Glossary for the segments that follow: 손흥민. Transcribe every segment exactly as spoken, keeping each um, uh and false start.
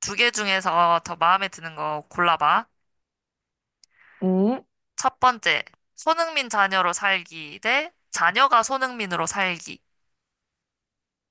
두 개 중에서 더 마음에 드는 거 골라봐. 음, 첫 번째, 손흥민 자녀로 살기 대 자녀가 손흥민으로 살기.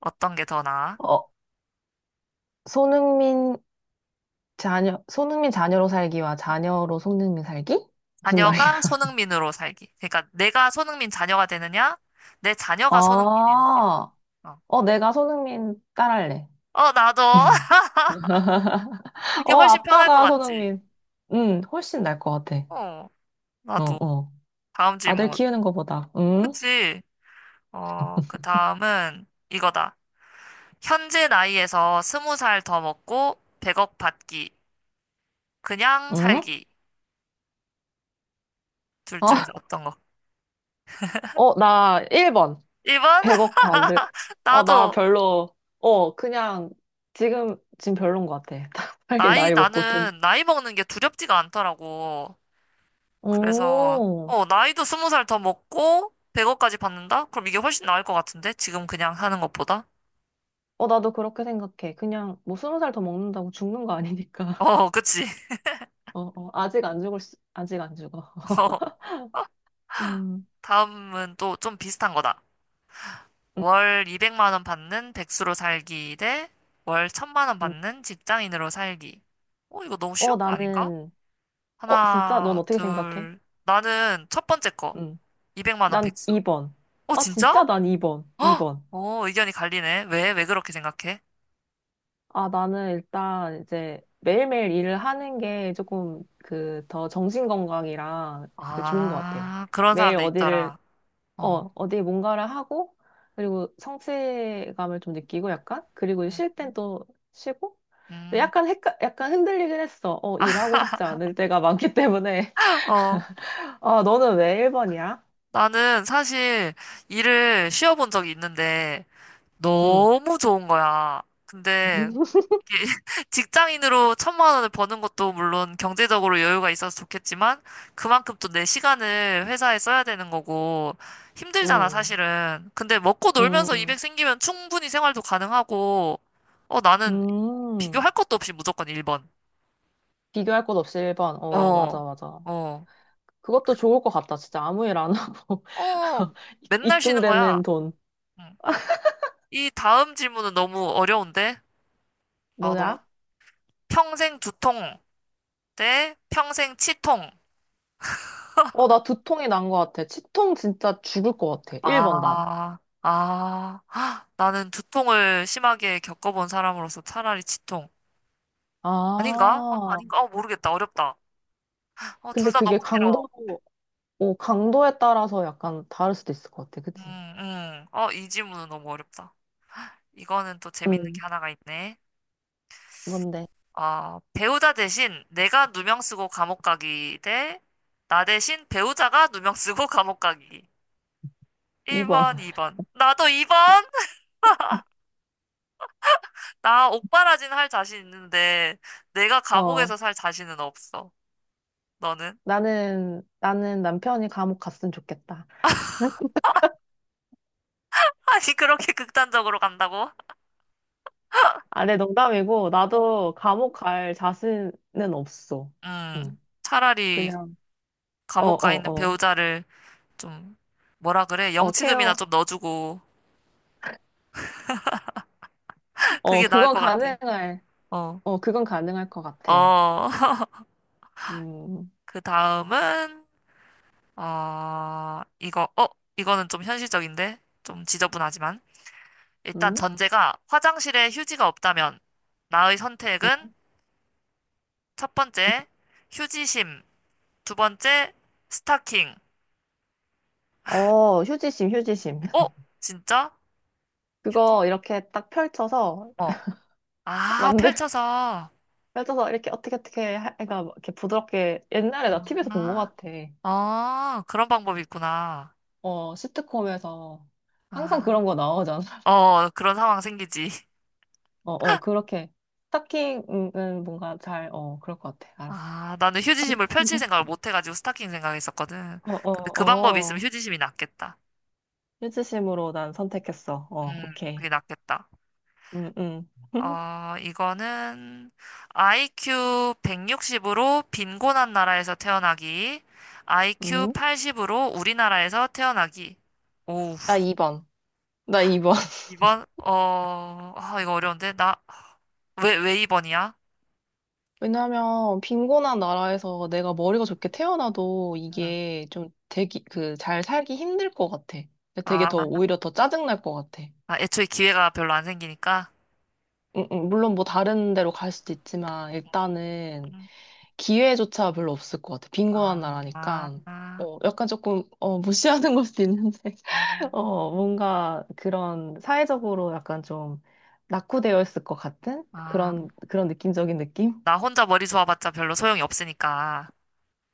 어떤 게 더 나아? 어, 손흥민 자녀, 손흥민 자녀로 살기와 자녀로 손흥민 살기? 무슨 말이야? 자녀가 손흥민으로 살기. 그러니까 내가 손흥민 자녀가 되느냐? 내 아, 자녀가 손흥민이 되느냐? 어, 어, 내가 손흥민 딸할래. 어, 나도. 그게 어, 훨씬 편할 것 아빠가 같지? 손흥민. 음, 훨씬 나을 것 같아. 어, 어, 나도. 어. 다음 아들 질문. 키우는 것보다. 응? 그치? 어, 그 다음은 이거다. 현재 나이에서 스무 살 더 먹고 백억 받기. 그냥 응? 살기. 둘 어, 중에서 어떤 거? 어, 나 일 번. 일 번? 백억 받을. 아, 나 나도, 별로. 어, 그냥 지금, 지금 별론 것 같아. 빨리 나이, 나이 먹고 돈. 나는 나이 먹는 게 두렵지가 않더라고. 그래서, 오. 어, 나이도 스무 살 더 먹고, 백억까지 받는다? 그럼 이게 훨씬 나을 것 같은데? 지금 그냥 하는 것보다? 어, 나도 그렇게 생각해. 그냥 뭐 스무 살 더 먹는다고 죽는 거 아니니까. 어, 그치. 어, 어, 아직 안 죽을 수, 아직 안 죽어. 어, 음, 다음은 또 좀 비슷한 거다. 음 월 이백만 원 받는 백수로 살기 대 월 천만 원 음. 받는 직장인으로 살기. 어, 이거 너무 어, 쉬운 거 아닌가? 나는, 어, 진짜? 넌 하나, 어떻게 생각해? 둘. 나는 첫 번째 거. 음. 이백만 원 난 백수. 이 번. 어, 아, 진짜? 진짜 난 이 번. 이 헉! 번 어, 의견이 갈리네. 왜, 왜 그렇게 생각해? 아, 나는 일단 이제 매일매일 일을 하는 게 조금 그 더 정신 건강이랑 그 좋은 것 같아. 아, 그런 매일 사람들 어디를 있더라. 어, 어, 어디 뭔가를 하고, 그리고 성취감을 좀 느끼고 약간, 그리고 음, 쉴 땐 또 쉬고, 근데 음. 약간 헷갈, 약간 흔들리긴 했어. 어, 일하고 싶지 않을 때가 많기 때문에. 어. 아, 너는 왜 일 번이야? 나는 사실 일을 쉬어본 적이 있는데 응, 너무 좋은 거야. 근데 응, 직장인으로 천만 원을 버는 것도 물론 경제적으로 여유가 있어서 좋겠지만 그만큼 또 내 시간을 회사에 써야 되는 거고 힘들잖아, 응, 사실은. 근데 먹고 놀면서 응. 이백 생기면 충분히 생활도 가능하고 어, 나는 음. 비교할 것도 없이 무조건 일 번. 비교할 것 없이 일 번. 어, 맞아, 어, 맞아. 어, 그것도 좋을 것 같다. 진짜 아무 일 안 하고. 어, 이- 맨날 쉬는 거야. 입금되는 돈. 응. 이 다음 질문은 너무 어려운데? 아, 너무 뭐냐? 평생 두통 대 평생 치통. 어, 나 두통이 난 것 같아. 치통 진짜 죽을 것 같아. 일 번 난. 아, 아, 헉, 나는 두통을 심하게 겪어본 사람으로서 차라리 치통. 아닌가? 아, 아. 아닌가? 아, 모르겠다. 어렵다. 어, 둘 근데 다 너무 그게 싫어. 강도, 어, 강도에 따라서 약간 다를 수도 있을 것 같아. 음, 그치? 음. 어, 이 질문은 너무 어렵다. 이거는 또 재밌는 응. 게 하나가 있네. 뭔데? 아, 배우자 대신 내가 누명 쓰고 감옥 가기 대 나 대신 배우자가 누명 쓰고 감옥 가기. 이 번. 일 번, 이 번. 나도 이 번? 나 옥바라진 할 자신 있는데 내가 어. 감옥에서 살 자신은 없어. 너는? 나는, 나는 남편이 감옥 갔으면 좋겠다. 아니, 그렇게 극단적으로 간다고? 아, 내 농담이고, 어, 나도 감옥 갈 자신은 없어. 응. 음, 차라리 그냥, 어, 감옥 가 어, 있는 어. 배우자를 좀, 뭐라 그래? 어, 영치금이나 케어. 좀 넣어주고, 어, 그게 나을 그건 것 같아. 가능할, 어, 어, 그건 가능할 것 같아. 어. 음, 그 다음은, 어, 이거, 어, 이거는 좀 현실적인데? 좀 지저분하지만. 일단 음? 전제가 화장실에 휴지가 없다면, 나의 선택은 첫 번째, 휴지심. 두 번째, 스타킹. 어, 휴지심, 휴지심. 어? 진짜? 휴지? 그거 이렇게 딱 펼쳐서 어. 아, 만들, 펼쳐서. 펼쳐서 이렇게 어떻게 어떻게 해- 해가 막 이렇게 부드럽게 옛날에 나 티비에서 본 것 아, 같아. 어, 그런 방법이 있구나. 어, 시트콤에서 항상 아, 그런 거 나오잖아. 어, 그런 상황 생기지. 어, 어, 그렇게 스타킹은 뭔가 잘, 어, 그럴 것 같아. 알았어. 아, 나는 휴지심을 펼칠 생각을 못 해가지고 스타킹 생각했었거든. 어, 어, 근데 그 방법이 있으면 어. 휴지심이 낫겠다. 일치심으로 난 선택했어. 어, 음, 그게 오케이. 낫겠다. 음, 음. 어, 이거는 아이큐 백육십으로 빈곤한 나라에서 태어나기, 아이큐 음? 팔십으로 우리나라에서 태어나기. 오, 나 이 번. 나 이 번. 이번 어, 아, 이거 어려운데? 나, 왜, 왜 이 번이야? 왜냐하면 빈곤한 나라에서 내가 머리가 좋게 태어나도 이게 좀 되기 그 잘 살기 힘들 것 같아. 그러니까 되게 아, 더 오히려 더 짜증 날 것 같아. 아, 애초에 기회가 별로 안 생기니까? 음, 음, 물론 뭐 다른 데로 갈 수도 있지만 일단은 음. 기회조차 별로 없을 것 같아. 빈곤한 아, 나라니까. 아, 어, 약간 조금 어, 무시하는 걸 수도 있는데 어, 음, 뭔가 그런 사회적으로 약간 좀 낙후되어 있을 것 같은 아, 그런 그런 느낌적인 느낌? 나 혼자 머리 좋아봤자 별로 소용이 없으니까.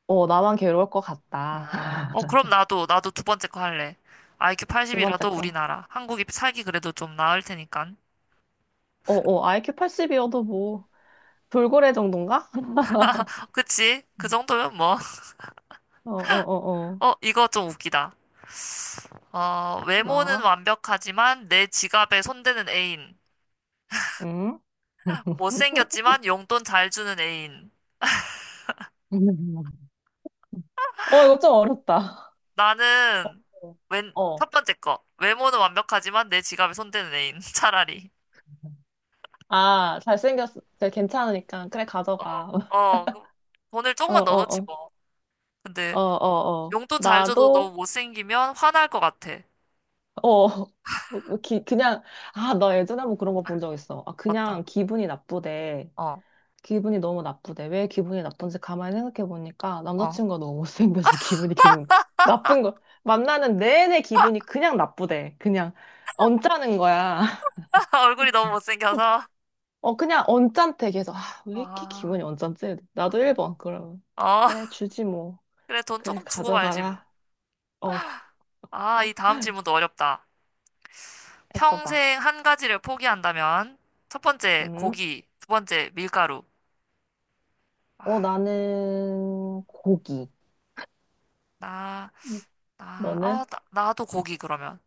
어, 나만 괴로울 것 같다. 아, 어, 그럼 나도, 나도 두 번째 거 할래. 아이큐 두 팔십이라도 번째 거. 우리나라. 한국이 살기 그래도 좀 나을 테니까. 어, 어, 아이큐 팔십이어도 뭐, 돌고래 정도인가? 그치? 그 정도면 뭐. 어, 어, 어, 어. 어, 이거 좀 웃기다. 어, 외모는 막, 완벽하지만 내 지갑에 손대는 애인. 응? 못생겼지만 용돈 잘 주는 애인. 어, 이거 좀 어렵다. 나는 웬, 어. 어. 첫 번째 거. 외모는 완벽하지만 내 지갑에 손대는 애인. 차라리. 아, 잘생겼어. 네, 괜찮으니까. 그래, 가져가. 어, 그, 돈을 어, 조금만 어, 넣어놓지 어. 뭐. 근데 어, 어, 어. 용돈 잘 줘도 나도, 너무 못생기면 화날 것 같아. 어. 뭐, 뭐 기, 그냥, 아, 나 예전에 한번 그런 거 본 적 있어. 아, 어떤? 그냥 기분이 나쁘대. 어, 기분이 너무 나쁘대. 왜 기분이 나쁜지 가만히 생각해 보니까 어. 남자친구가 너무 못생겨서 기분이 계속 나쁜 거. 만나는 내내 기분이 그냥 나쁘대. 그냥 언짢은 거야. 얼굴이 너무 못생겨서. 어, 그냥 언짢대. 계속. 아, 왜 이렇게 아, 기분이 언짢지? 나도 일 번. 그럼. 어. 그래, 주지 뭐. 그래, 돈 그래, 조금 주고 말지 뭐. 가져가라. 어, 아, 이 다음 질문도 어렵다. 해봐봐. 평생 한 가지를 포기한다면 첫 번째 음. 고기, 두 번째 밀가루. 아, 어, 나는 고기. 나, 음. 나, 아, 너는? 나, 나도 고기 그러면.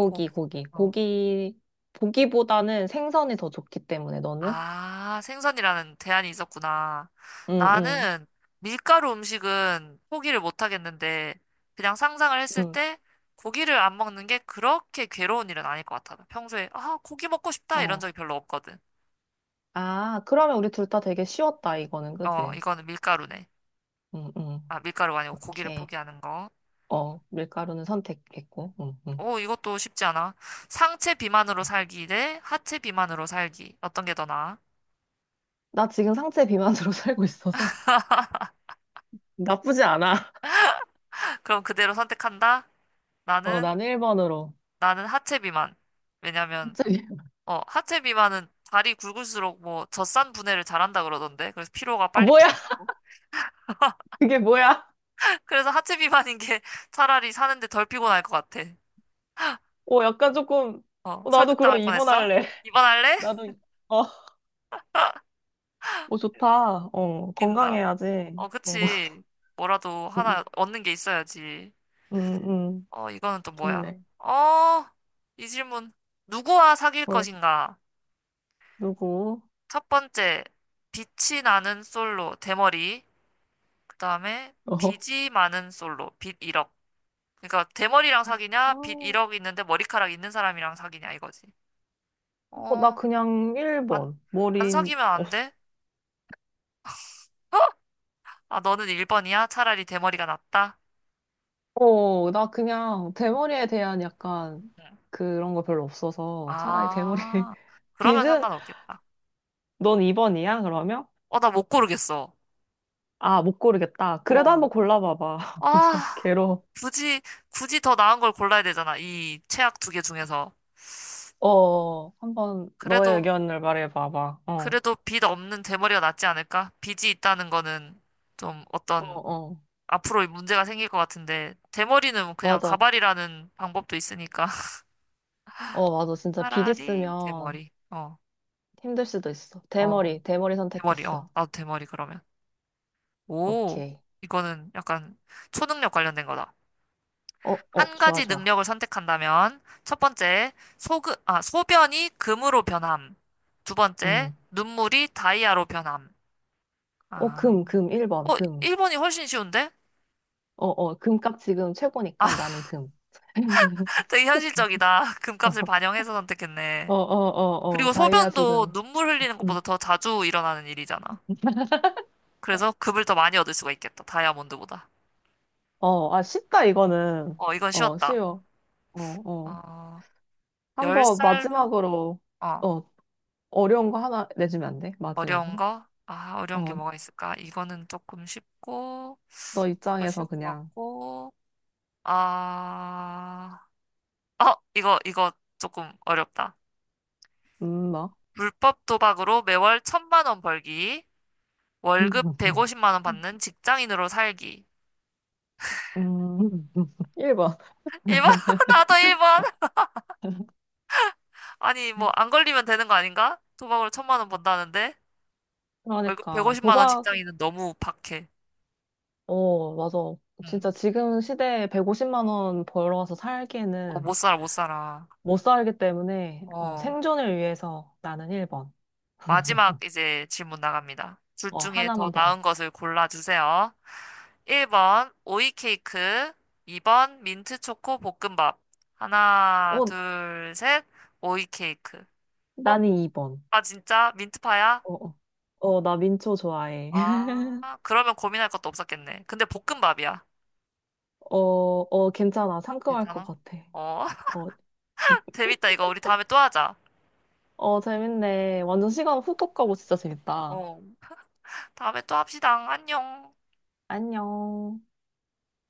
고기. 고기. 어. 고기, 고기보다는 생선이 더 좋기 때문에 너는? 아, 생선이라는 대안이 있었구나. 응, 응, 나는 밀가루 음식은 포기를 못 하겠는데, 그냥 상상을 했을 응. 때 고기를 안 먹는 게 그렇게 괴로운 일은 아닐 것 같아. 평소에, 아, 고기 먹고 싶다 이런 어. 적이 별로 없거든. 아, 그러면 우리 둘 다 되게 쉬웠다, 이거는, 어, 그지? 이거는 밀가루네. 응, 응. 아, 밀가루가 아니고 고기를 오케이. 포기하는 거. 어, 밀가루는 선택했고, 응, 응. 오, 이것도 쉽지 않아. 상체 비만으로 살기 대 하체 비만으로 살기. 어떤 게 더 나아? 나 지금 상체 비만으로 살고 있어서 나쁘지 않아. 그럼 그대로 선택한다? 어, 나는, 난 일 번으로. 나는 하체 비만. 왜냐면, 갑자기. 어, 하체 비만은 다리 굵을수록 뭐 젖산 분해를 잘한다 그러던데. 그래서 피로가 아, 빨리 뭐야? 풀리고. 그게 뭐야? 그래서 하체 비만인 게 차라리 사는데 덜 피곤할 것 같아. 어, 약간 조금, 어, 어, 나도 그럼 설득당할 이 번 뻔했어? 할래. 입원할래? 나도, 어, 어, 좋다. 어, 웃긴다. 건강해야지. 어, 어, 그치. 뭐라도 하나 얻는 게 있어야지. 응, 응, 어, 이거는 또 뭐야? 좋네. 어, 이 질문. 누구와 사귈 어, 것인가? 누구? 첫 번째, 빛이 나는 솔로, 대머리. 그 다음에, 어. 빚이 많은 솔로, 빚 일억. 그러니까 대머리랑 사귀냐? 아, 빚 일억 있는데 머리카락 있는 사람이랑 사귀냐 이거지. 어, 나 어, 그냥 안, 일 번. 안 머리 사귀면 없, 안 돼? 아, 너는 일 번이야? 차라리 대머리가 낫다? 어, 나 그냥 대머리에 대한 약간 응. 그런 거 별로 없어서 차라리 대머리 아, 그러면 빗은 상관없겠다. 넌 이 번이야? 그러면? 어, 나 못 고르겠어. 아, 못 고르겠다. 그래도 어. 한번 골라봐봐. 아, 괴로워. 굳이, 굳이 더 나은 걸 골라야 되잖아. 이 최악 두 개 중에서. 어, 한번 너의 그래도, 의견을 말해봐봐. 어, 그래도 빚 없는 대머리가 낫지 않을까? 빚이 있다는 거는 좀 어, 어떤 어. 앞으로 문제가 생길 것 같은데, 대머리는 그냥 맞아. 가발이라는 방법도 있으니까. 어, 맞아. 진짜 빗 차라리 있으면 대머리. 어, 힘들 수도 있어. 어, 대머리, 대머리 대머리. 어, 선택했어. 나도 대머리 그러면. 오, 오케이. 이거는 약간 초능력 관련된 거다. 어, 어, 한 좋아, 가지 좋아. 능력을 선택한다면 첫 번째, 소그, 아, 소변이 금으로 변함. 두 번째, 응 눈물이 다이아로 변함. 어, 아, 금, 금, 일 번, 어, 금. 일 번이 훨씬 쉬운데? 어, 어, 금값 지금 아, 최고니까 나는 금. 되게 현실적이다. 어, 금값을 반영해서 어, 선택했네. 어, 어, 그리고 다이아 소변도 지금. 눈물 흘리는 음. 것보다 더 자주 일어나는 일이잖아. 그래서 급을 더 많이 얻을 수가 있겠다. 다이아몬드보다. 어, 아, 쉽다, 이거는. 어, 이건 어, 쉬웠다. 쉬워. 어, 어. 어, 한번 열 살로? 마지막으로, 어, 어, 어려운 거 하나 내주면 안 돼? 어려운 마지막으로. 거? 아, 어려운 게 어, 뭐가 있을까? 이거는 조금 쉽고, 너 이것도 입장에서 쉬울 것 그냥, 같고, 아, 어, 이거, 이거 조금 어렵다. 음, 뭐. 불법 도박으로 매월 천만 원 벌기, 월급 백오십만 원 받는 직장인으로 살기. 음, 일 번. 일 번, 나도 일 번. 아니, 뭐, 안 걸리면 되는 거 아닌가? 도박으로 천만 원 번다는데? 월급 그러니까 백오십만 원 도박, 직장인은 너무 박해. 어, 맞아. 응. 진짜 지금 시대에 백오십만 원 벌어서 어, 살기에는 못 살아, 못 살아. 못 살기 때문에 어, 어. 생존을 위해서 나는 일 번. 마지막 이제 질문 나갑니다. 둘 어, 중에 더 하나만 더. 나은 것을 골라주세요. 일 번 오이 케이크, 이 번 민트 초코 볶음밥. 하나, 어, 둘, 셋. 오이 케이크. 어? 나는 이 번. 아, 진짜? 민트파야? 어, 어, 어, 나 민초 좋아해. 아, 그러면 고민할 것도 없었겠네. 근데 볶음밥이야. 어, 어, 괜찮아. 상큼할 것 괜찮아? 같아. 어, 어, 재밌다. 이거 우리 다음에 또 하자. 어, 재밌네. 완전 시간 훅훅 가고 진짜 재밌다. 어. 다음에 또 합시다. 안녕. 안녕.